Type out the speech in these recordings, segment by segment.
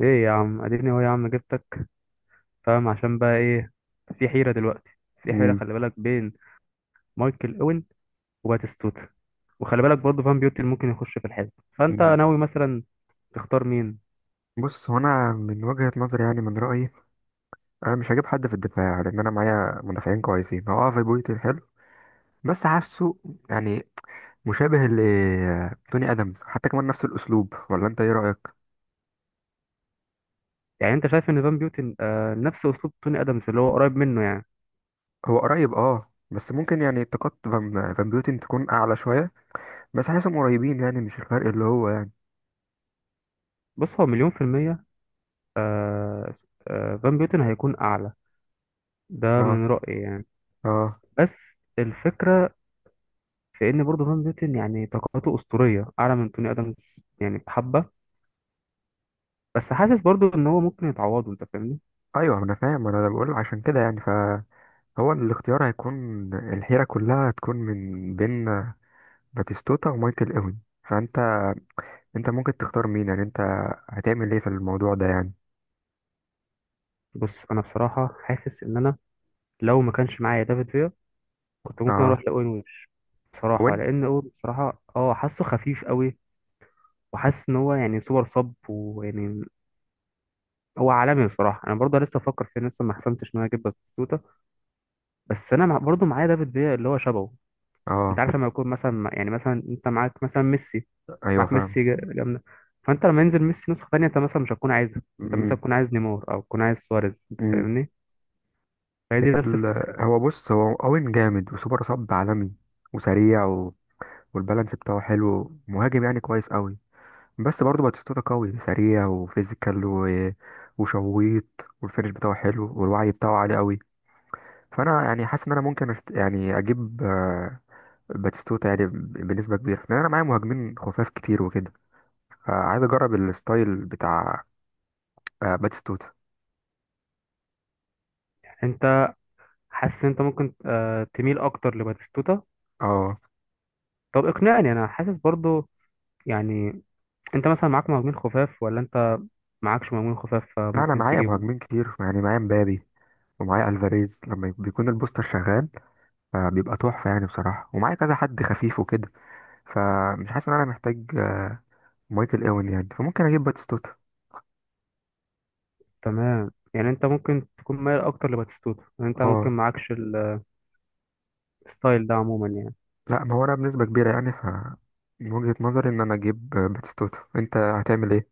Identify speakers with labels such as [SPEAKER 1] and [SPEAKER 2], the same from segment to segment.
[SPEAKER 1] ايه يا عم اديني اهو يا عم جبتك. فاهم عشان بقى ايه؟ في حيرة دلوقتي، في حيرة
[SPEAKER 2] مم.
[SPEAKER 1] خلي بالك بين مايكل اوين وباتيستوتا. وخلي بالك برضه فان بيوتن ممكن يخش في الحزب. فانت
[SPEAKER 2] مم.
[SPEAKER 1] ناوي مثلا تختار مين؟
[SPEAKER 2] بص هو انا من وجهة نظري يعني من رأيي انا مش هجيب حد في الدفاع يعني، لان انا معايا مدافعين كويسين. هو اه في بويتي حلو بس حاسه يعني مشابه لتوني ادمز حتى كمان نفس الاسلوب، ولا انت ايه رأيك؟
[SPEAKER 1] يعني انت شايف ان فان بيوتن آه نفس اسلوب توني ادمز اللي هو قريب منه يعني.
[SPEAKER 2] هو قريب اه بس ممكن يعني طاقات فان بيوتن تكون اعلى شوية، بس حاسسهم قريبين يعني مش الفرق اللي هو يعني.
[SPEAKER 1] بص هو مليون في المية، آه، آه فان بيوتن هيكون اعلى. ده
[SPEAKER 2] اه
[SPEAKER 1] من رأيي يعني.
[SPEAKER 2] اه
[SPEAKER 1] بس الفكرة في ان برضه فان بيوتن يعني طاقته اسطورية اعلى من توني ادمز يعني بحبة. بس حاسس برضه ان هو ممكن يتعوضه، انت فاهمني؟
[SPEAKER 2] ايوه انا فاهم، انا بقول عشان كده يعني فهو الاختيار هيكون، الحيرة كلها هتكون من بين باتيستوتا ومايكل اوين. فانت انت ممكن تختار مين يعني؟ انت هتعمل ايه في الموضوع ده يعني؟
[SPEAKER 1] بص انا بصراحه حاسس ان انا لو ما كانش معايا دافيد فيا كنت ممكن اروح
[SPEAKER 2] اه
[SPEAKER 1] لاوين ويبش بصراحه،
[SPEAKER 2] اوين.
[SPEAKER 1] لان اوين بصراحه اه حاسه خفيف قوي. وحاسس ان هو يعني سوبر صب ويعني هو عالمي بصراحه. انا برضه لسه بفكر فيه، لسه ما حسمتش ان انا اجيب باتيستوتا. بس انا برضه معايا دافيد فيا اللي هو شبهه. انت
[SPEAKER 2] اه
[SPEAKER 1] عارف لما يكون مثلا يعني مثلا انت معاك مثلا ميسي،
[SPEAKER 2] ايوه
[SPEAKER 1] معاك
[SPEAKER 2] فاهم.
[SPEAKER 1] ميسي جامده. فانت لما ينزل ميسي نسخه ثانيه انت مثلا مش هتكون عايزها، انت مثلا
[SPEAKER 2] امم.
[SPEAKER 1] تكون عايز نيمار او تكون عايز سواريز، انت
[SPEAKER 2] امم.
[SPEAKER 1] فاهمني؟ فهي دي نفس الفكره.
[SPEAKER 2] بص هو اوين جامد وسوبر صب عالمي وسريع و والبالانس بتاعه حلو، مهاجم يعني كويس قوي. بس برضه باتيستوتا قوي سريع وفيزيكال و وشويط، والفينش بتاعه حلو والوعي بتاعه عالي قوي. فانا يعني حاسس ان انا ممكن أشت... يعني اجيب باتيستوتا يعني بنسبة كبيرة، لان انا معايا مهاجمين خفاف كتير وكده، فعايز اجرب الستايل بتاع باتيستوتا.
[SPEAKER 1] انت حاسس انت ممكن تميل اكتر لباتيستوتا.
[SPEAKER 2] اه
[SPEAKER 1] طب اقنعني، انا حاسس برضو يعني انت مثلا معاك مهاجمين خفاف ولا انت معاكش مهاجمين خفاف
[SPEAKER 2] لا انا
[SPEAKER 1] فممكن
[SPEAKER 2] معايا
[SPEAKER 1] تجيبه.
[SPEAKER 2] مهاجمين كتير يعني، معايا مبابي ومعايا الفاريز لما بيكون البوستر شغال، بيبقى تحفه يعني بصراحه، ومعايا كذا حد خفيف وكده، فمش حاسس ان انا محتاج مايكل اوين يعني، فممكن اجيب باتيستوتا.
[SPEAKER 1] تمام يعني انت ممكن تكون مايل اكتر لباتيستوتا، يعني انت ممكن
[SPEAKER 2] اه
[SPEAKER 1] معاكش الستايل ده عموما يعني.
[SPEAKER 2] لا ما هو انا بنسبه كبيره يعني، ف من وجهه نظري ان انا اجيب باتيستوتا. انت هتعمل ايه؟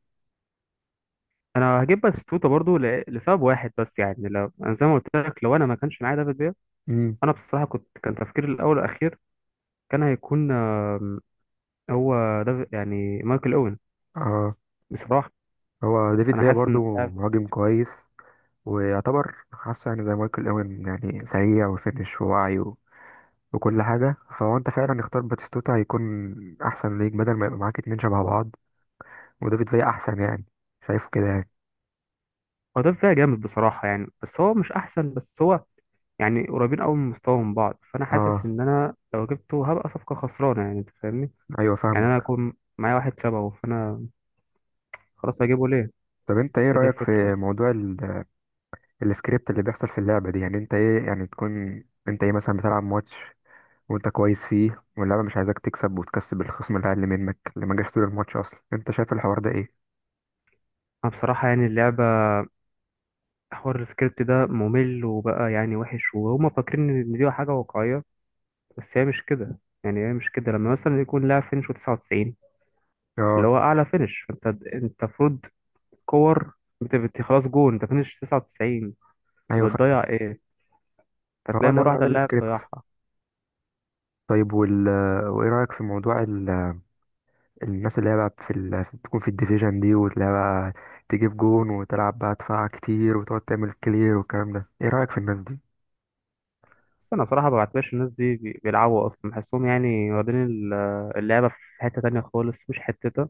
[SPEAKER 1] انا هجيب باتيستوتا برضو لسبب واحد بس، يعني لو انا زي ما قلت لك لو انا ما كانش معايا دافيد بيا،
[SPEAKER 2] امم.
[SPEAKER 1] انا بصراحة كنت كان تفكيري الاول والاخير كان هيكون هو ده يعني مايكل اوين
[SPEAKER 2] اه
[SPEAKER 1] بصراحة.
[SPEAKER 2] هو ديفيد
[SPEAKER 1] انا
[SPEAKER 2] فيا
[SPEAKER 1] حاسس ان
[SPEAKER 2] برضو مهاجم كويس ويعتبر حاسه يعني زي مايكل اوين، يعني سريع وفينش ووعي وكل حاجة، فهو انت فعلا اختار باتيستوتا هيكون احسن ليك بدل ما يبقى معاك اتنين شبه بعض، ودافيد فيا احسن يعني. شايفه كده يعني.
[SPEAKER 1] هو ده فيها جامد بصراحة يعني، بس هو مش أحسن، بس هو يعني قريبين أوي من مستواهم بعض. فأنا حاسس
[SPEAKER 2] اه
[SPEAKER 1] إن أنا لو جبته هبقى صفقة خسرانة يعني، أنت فاهمني؟
[SPEAKER 2] ايوه
[SPEAKER 1] يعني أنا
[SPEAKER 2] فاهمك.
[SPEAKER 1] أكون معايا واحد شبهه فأنا خلاص هجيبه ليه؟
[SPEAKER 2] طب انت ايه
[SPEAKER 1] هي دي
[SPEAKER 2] رأيك
[SPEAKER 1] الفكرة
[SPEAKER 2] في
[SPEAKER 1] بس.
[SPEAKER 2] موضوع السكريبت اللي بيحصل في اللعبة دي؟ يعني انت ايه، يعني تكون انت ايه مثلا بتلعب ماتش وانت كويس فيه واللعبة مش عايزاك تكسب، وتكسب الخصم اللي اقل منك اللي ما جاش طول الماتش اصلا، انت شايف الحوار ده ايه؟
[SPEAKER 1] أنا بصراحة يعني اللعبة، حوار السكريبت ده ممل وبقى يعني وحش، وهما فاكرين إن دي حاجة واقعية بس هي مش كده. يعني هي مش كده لما مثلا يكون لاعب فينش 99 اللي
[SPEAKER 2] اه
[SPEAKER 1] هو أعلى فينش فأنت أنت المفروض كور، خلاص جون أنت فينش 99، أنت
[SPEAKER 2] ايوه فاهم.
[SPEAKER 1] بتضيع إيه؟
[SPEAKER 2] هو
[SPEAKER 1] فتلاقي
[SPEAKER 2] ده
[SPEAKER 1] مرة واحدة اللاعب
[SPEAKER 2] السكريبت.
[SPEAKER 1] ضيعها.
[SPEAKER 2] طيب وايه رأيك في موضوع الناس اللي هي بقى في تكون في الديفيجن دي واللي هي بقى تجيب جون وتلعب بقى دفاع كتير وتقعد تعمل كلير والكلام ده، ايه رأيك في الناس دي؟
[SPEAKER 1] بس أنا بصراحة ما بعتبرش الناس دي بيلعبوا أصلا، بحسهم يعني واخدين اللعبة في حتة تانية خالص مش حتتها.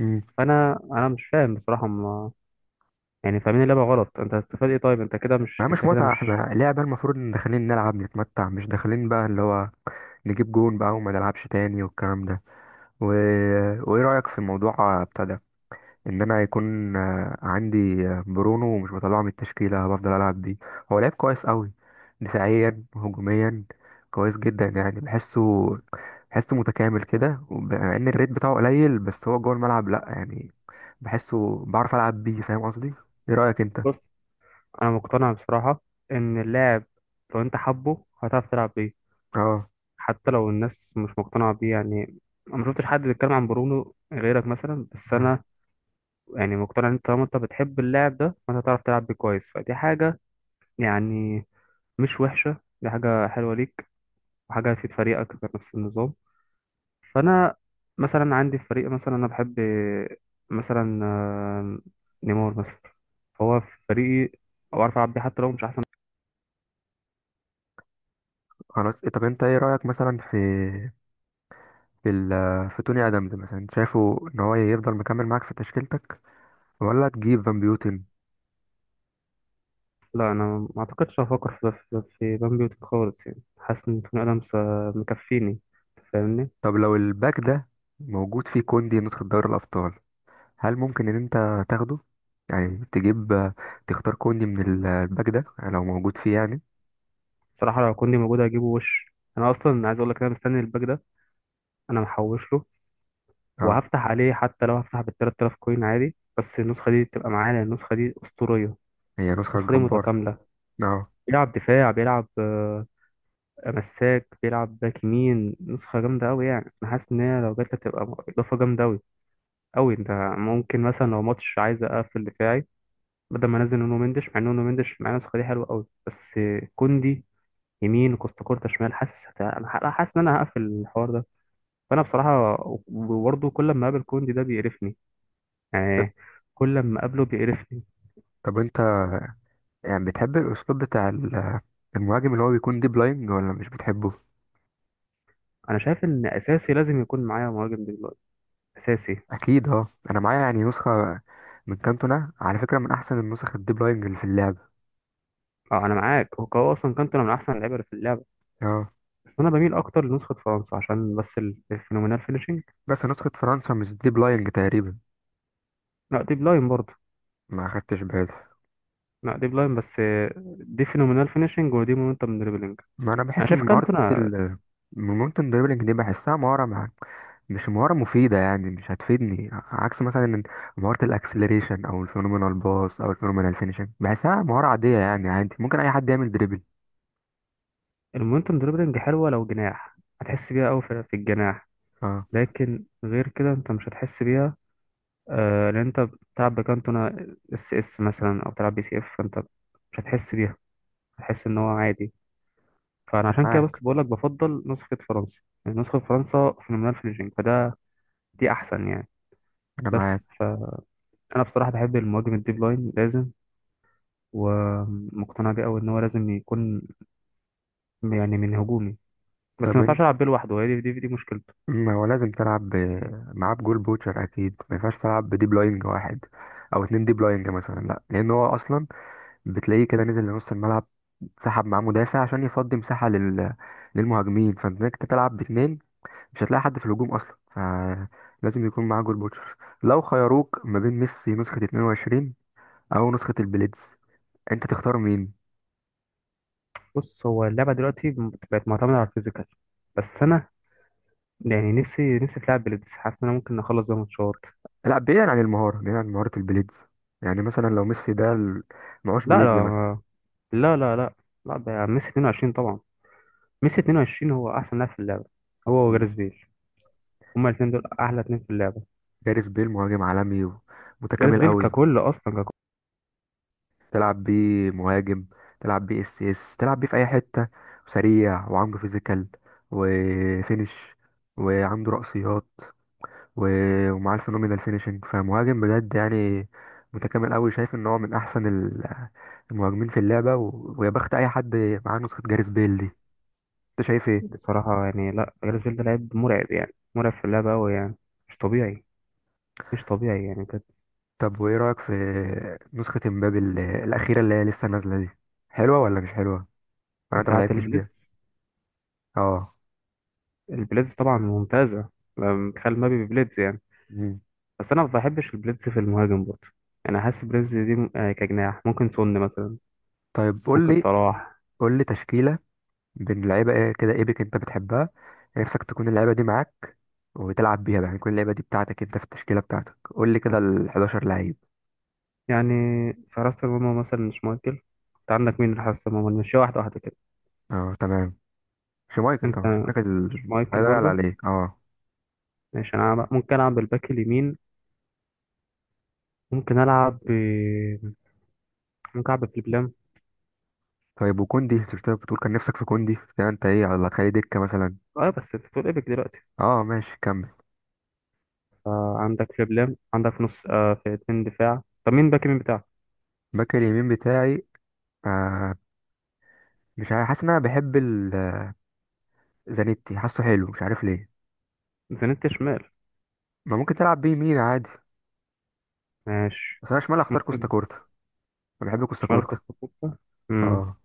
[SPEAKER 2] امم.
[SPEAKER 1] فأنا أنا مش فاهم بصراحة ما، يعني فاهمين اللعبة غلط. أنت هتستفاد إيه؟ طيب أنت كده مش،
[SPEAKER 2] ما
[SPEAKER 1] أنت
[SPEAKER 2] مش
[SPEAKER 1] كده
[SPEAKER 2] متعة،
[SPEAKER 1] مش.
[SPEAKER 2] احنا لعبة المفروض ان داخلين نلعب نتمتع، مش داخلين بقى اللي هو نجيب جون بقى وما نلعبش تاني والكلام ده و وايه رأيك في موضوع ابتدى ان انا هيكون عندي برونو ومش بطلعه من التشكيله بفضل العب بيه؟ هو لعيب كويس قوي دفاعيا وهجوميا، كويس جدا يعني. بحسه متكامل كده، مع ان الريت بتاعه قليل بس هو جوه الملعب لا يعني، بحسه بعرف العب بيه، فاهم قصدي؟ ايه رايك انت؟
[SPEAKER 1] بص أنا مقتنع بصراحة إن اللاعب لو أنت حبه هتعرف تلعب بيه
[SPEAKER 2] اه
[SPEAKER 1] حتى لو الناس مش مقتنعة بيه يعني. أنا ما شفتش حد بيتكلم عن برونو غيرك مثلا، بس أنا يعني مقتنع إن أنت طالما أنت بتحب اللاعب ده فأنت هتعرف تلعب بيه كويس، فدي حاجة يعني مش وحشة، دي حاجة حلوة ليك وحاجة هتفيد فريقك في نفس النظام. فأنا مثلا عندي في فريق مثلا أنا بحب مثلا نيمار مثلا، فهو في فريقي أو أعرف ألعب بيه حتى لو مش أحسن.
[SPEAKER 2] خلاص. طب انت ايه رايك مثلا في في ال... في توني ادمز مثلا؟ شايفه ان هو يفضل مكمل معاك في تشكيلتك، ولا تجيب فان بيوتن؟
[SPEAKER 1] لا أنا ما أعتقدش هفكر في بان بيوتي خالص، يعني حاسس إن توني آدمز مكفيني، فاهمني؟
[SPEAKER 2] طب لو الباك ده موجود فيه كوندي نسخة دوري الأبطال، هل ممكن إن أنت تاخده؟ يعني تجيب تختار كوندي من الباك ده لو موجود فيه يعني.
[SPEAKER 1] صراحة لو كوندي موجود هجيبه، وش أنا أصلا عايز أقول لك، أنا مستني الباك ده، أنا محوش له
[SPEAKER 2] اه
[SPEAKER 1] وهفتح عليه حتى لو هفتح بال 3000 كوين عادي، بس النسخة دي تبقى معايا لأن النسخة دي أسطورية.
[SPEAKER 2] هي نسخة
[SPEAKER 1] النسخة دي
[SPEAKER 2] جبارة.
[SPEAKER 1] متكاملة،
[SPEAKER 2] اه.
[SPEAKER 1] بيلعب دفاع، بيلعب مساك، بيلعب باك يمين، نسخة جامدة أوي يعني. أنا حاسس إن هي لو جت هتبقى إضافة جامدة أوي أوي. أنت ممكن مثلا لو ماتش عايز أقفل دفاعي بدل ما أنزل نونو مندش، مع إن نونو مندش مع النسخة دي حلوة أوي، بس كوندي يمين وكوستا كورتا شمال حاسس حاسس إن أنا هقفل الحوار ده. فأنا بصراحة برضه كل ما أقابل كوندي ده بيقرفني
[SPEAKER 2] طب
[SPEAKER 1] يعني، كل ما أقابله بيقرفني.
[SPEAKER 2] طب أنت يعني بتحب الأسلوب بتاع المهاجم اللي هو بيكون ديب لاين ولا مش بتحبه؟
[SPEAKER 1] أنا شايف إن أساسي لازم يكون معايا مهاجم دلوقتي، أساسي.
[SPEAKER 2] أكيد اه أنا معايا يعني نسخة من كانتونا على فكرة، من أحسن النسخ الديب لاينج اللي في اللعبة.
[SPEAKER 1] اه انا معاك، هو اصلا كانتونا من احسن اللعيبه اللي في اللعبه.
[SPEAKER 2] اه
[SPEAKER 1] بس انا بميل اكتر لنسخه فرنسا عشان بس الفينومينال فينيشنج.
[SPEAKER 2] بس نسخة فرنسا مش ديب لاينج تقريبا.
[SPEAKER 1] لا دي بلاين برضه.
[SPEAKER 2] ما أخدتش بالي.
[SPEAKER 1] لا دي بلاين بس دي فينومينال فينيشنج ودي مومنتم دريبلينج.
[SPEAKER 2] ما انا
[SPEAKER 1] انا
[SPEAKER 2] بحس
[SPEAKER 1] شايف
[SPEAKER 2] ان
[SPEAKER 1] كانتونا.
[SPEAKER 2] مهارة الدريبلينج دي بحسها مهارة مش مهارة مفيدة يعني، مش هتفيدني عكس مثلا إن مهارة الاكسلريشن او الفينومينال باص او الفينومينال فينيشنج، بحسها مهارة عادية يعني، عادي ممكن اي حد يعمل دريبل.
[SPEAKER 1] المومنتم دريبلينج حلوه لو جناح، هتحس بيها قوي في الجناح.
[SPEAKER 2] اه
[SPEAKER 1] لكن غير كده انت مش هتحس بيها. آه لان انت بتلعب بكانتونا اس اس مثلا او بتلعب بي سي اف فانت مش هتحس بيها، هتحس ان هو عادي. فانا عشان كده
[SPEAKER 2] معاك.
[SPEAKER 1] بس بقول لك بفضل نسخه فرنسا. يعني نسخه فرنسا فينومينال فينيشنج فده دي احسن يعني.
[SPEAKER 2] انا
[SPEAKER 1] بس
[SPEAKER 2] معاك.
[SPEAKER 1] فانا بصراحه بحب المهاجم الديب لاين لازم، ومقتنع بيه قوي ان هو لازم يكون يعني من هجومي، بس ما
[SPEAKER 2] طب
[SPEAKER 1] ينفعش
[SPEAKER 2] انت
[SPEAKER 1] العب بيه لوحده، هي دي مشكلته.
[SPEAKER 2] ما هو لازم تلعب معاه بجول بوتشر، اكيد ما ينفعش تلعب بديب لاينج واحد او اتنين ديب لاينج مثلا لا، لان هو اصلا بتلاقيه كده نزل لنص الملعب، سحب معاه مدافع عشان يفضي مساحة للمهاجمين، فانت إنك تلعب باتنين مش هتلاقي حد في الهجوم اصلا، فلازم يكون معاه جول بوتشر. لو خيروك ما بين ميسي نسخة 22 او نسخة البليدز، انت تختار مين؟
[SPEAKER 1] بص هو اللعبه دلوقتي بقت معتمده على الفيزيكال، بس انا يعني نفسي نفسي في لعب بليدز، حاسس ان انا ممكن اخلص بيها ماتشات.
[SPEAKER 2] لا بعيدا عن المهارة، بعيدا عن مهارة البليدز، يعني مثلا لو ميسي ده معهوش
[SPEAKER 1] لا
[SPEAKER 2] بليدز مثلا.
[SPEAKER 1] لا لا، لا لا لا، ده ميسي 22 طبعا. ميسي 22 هو احسن لاعب في اللعبه، هو
[SPEAKER 2] مم.
[SPEAKER 1] وجاريث بيل. هما الاثنين دول احلى اتنين في اللعبه.
[SPEAKER 2] جاريث بيل مهاجم عالمي
[SPEAKER 1] جاريث
[SPEAKER 2] ومتكامل
[SPEAKER 1] بيل
[SPEAKER 2] قوي،
[SPEAKER 1] ككل اصلا ككل.
[SPEAKER 2] تلعب بيه مهاجم، تلعب بيه اس اس، تلعب بيه في اي حتة، سريع وعنده فيزيكال وفينش وعنده رأسيات ومعاه الفينومينال فينيشنج، فمهاجم بجد يعني، متكامل قوي. شايف ان هو من احسن المهاجمين في اللعبه، ويا بخت اي حد معاه نسخه جاريث بيل دي. انت شايف ايه؟
[SPEAKER 1] بصراحه يعني لا، جاريث بيل ده لعيب مرعب يعني، مرعب في اللعبه قوي يعني. مش طبيعي، مش طبيعي يعني كانت.
[SPEAKER 2] طب وايه رايك في نسخه امبابي الاخيره اللي هي لسه نازله دي، حلوه ولا مش حلوه، ولا انت ما
[SPEAKER 1] بتاعه
[SPEAKER 2] لعبتش بيها؟
[SPEAKER 1] البليدز؟
[SPEAKER 2] اه.
[SPEAKER 1] البليدز طبعا ممتازه، لما بتخيل مبابي بليدز يعني.
[SPEAKER 2] مم.
[SPEAKER 1] بس انا ما بحبش البليدز في المهاجم برضه. انا حاسس بليدز دي كجناح ممكن سون مثلا،
[SPEAKER 2] طيب قول
[SPEAKER 1] ممكن
[SPEAKER 2] لي،
[SPEAKER 1] صلاح.
[SPEAKER 2] قول لي تشكيله بين لعيبه ايه كده ايبك انت بتحبها، نفسك تكون اللعيبه دي معاك وتلعب بيها بقى يعني. كل اللعيبه دي بتاعتك انت في التشكيله بتاعتك، قول لي كده ال 11 لعيب.
[SPEAKER 1] يعني في حراسه المرمى مثلا مش مايكل، انت عندك مين في حراسه المرمى؟ مش واحده واحده كده؟
[SPEAKER 2] اه تمام. شمايكل
[SPEAKER 1] انت
[SPEAKER 2] طبعا شمايكل،
[SPEAKER 1] مش مايكل
[SPEAKER 2] لا يعلى
[SPEAKER 1] برضه.
[SPEAKER 2] عليه اه.
[SPEAKER 1] ماشي، انا ممكن اعمل باك اليمين، ممكن العب ب، ممكن العب بفليبلام.
[SPEAKER 2] طيب وكوندي شفتها بتقول كان نفسك في كوندي ده، انت ايه، على هتخليه دكة مثلا؟
[SPEAKER 1] اه بس انت بتقول ايبك دلوقتي.
[SPEAKER 2] اه ماشي كمل.
[SPEAKER 1] فعندك فليبلام، عندك في نص آه في اتنين دفاع. طب مين باك يمين بتاعك؟
[SPEAKER 2] باك اليمين بتاعي آه مش عارف، حاسس ان انا بحب زانيتي، حاسه حلو مش عارف ليه.
[SPEAKER 1] زانيت شمال.
[SPEAKER 2] ما ممكن تلعب بيه يمين عادي.
[SPEAKER 1] ماشي
[SPEAKER 2] بس انا شمال اختار كوستا
[SPEAKER 1] ممكن.
[SPEAKER 2] كورتا، انا بحب كوستا
[SPEAKER 1] شمال
[SPEAKER 2] كورتا.
[SPEAKER 1] كاستافوتا، امم.
[SPEAKER 2] اه،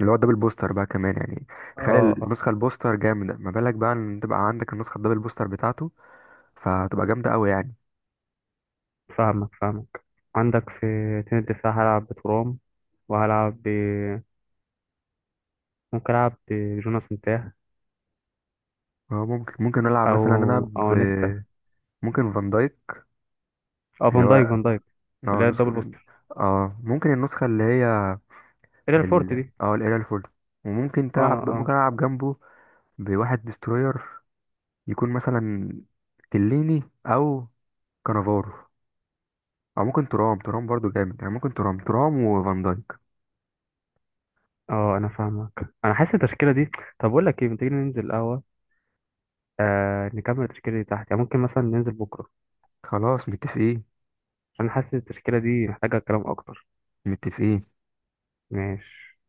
[SPEAKER 2] اللي هو الدبل بوستر بقى كمان يعني،
[SPEAKER 1] اه.
[SPEAKER 2] تخيل
[SPEAKER 1] اه
[SPEAKER 2] النسخة البوستر جامدة، ما بالك بقى ان تبقى عندك النسخة الدبل بوستر بتاعته، فتبقى جامدة قوي يعني.
[SPEAKER 1] فاهمك فاهمك. عندك في اتنين دفاع هلعب بترام وهلعب ب، ممكن العب بجوناس نتاه،
[SPEAKER 2] اه ممكن نلعب
[SPEAKER 1] او
[SPEAKER 2] مثلا انا
[SPEAKER 1] او نيستا.
[SPEAKER 2] ممكن فان دايك
[SPEAKER 1] اه
[SPEAKER 2] اللي
[SPEAKER 1] فان
[SPEAKER 2] هو
[SPEAKER 1] دايك فان دايك اللي
[SPEAKER 2] اه
[SPEAKER 1] هي الدبل
[SPEAKER 2] نسخة،
[SPEAKER 1] بوستر،
[SPEAKER 2] اه ممكن النسخة اللي هي
[SPEAKER 1] اللي هي
[SPEAKER 2] ال
[SPEAKER 1] الفورت دي.
[SPEAKER 2] اه القليله الفل، وممكن
[SPEAKER 1] اه
[SPEAKER 2] تلعب
[SPEAKER 1] آه.
[SPEAKER 2] ممكن ألعب جنبه بواحد ديستروير، يكون مثلا كليني أو كانافارو، أو ممكن ترام ترام برضو جامد يعني، ممكن ترام ترام وفان دايك.
[SPEAKER 1] اه انا فاهمك، انا حاسس التشكيله دي، طب اقول لك ايه؟ ما تيجي ننزل القهوه آه نكمل التشكيله دي تحت، يعني ممكن مثلا ننزل بكره،
[SPEAKER 2] خلاص متفقين.
[SPEAKER 1] عشان حاسس التشكيله دي محتاجه كلام اكتر.
[SPEAKER 2] متفقين.
[SPEAKER 1] ماشي.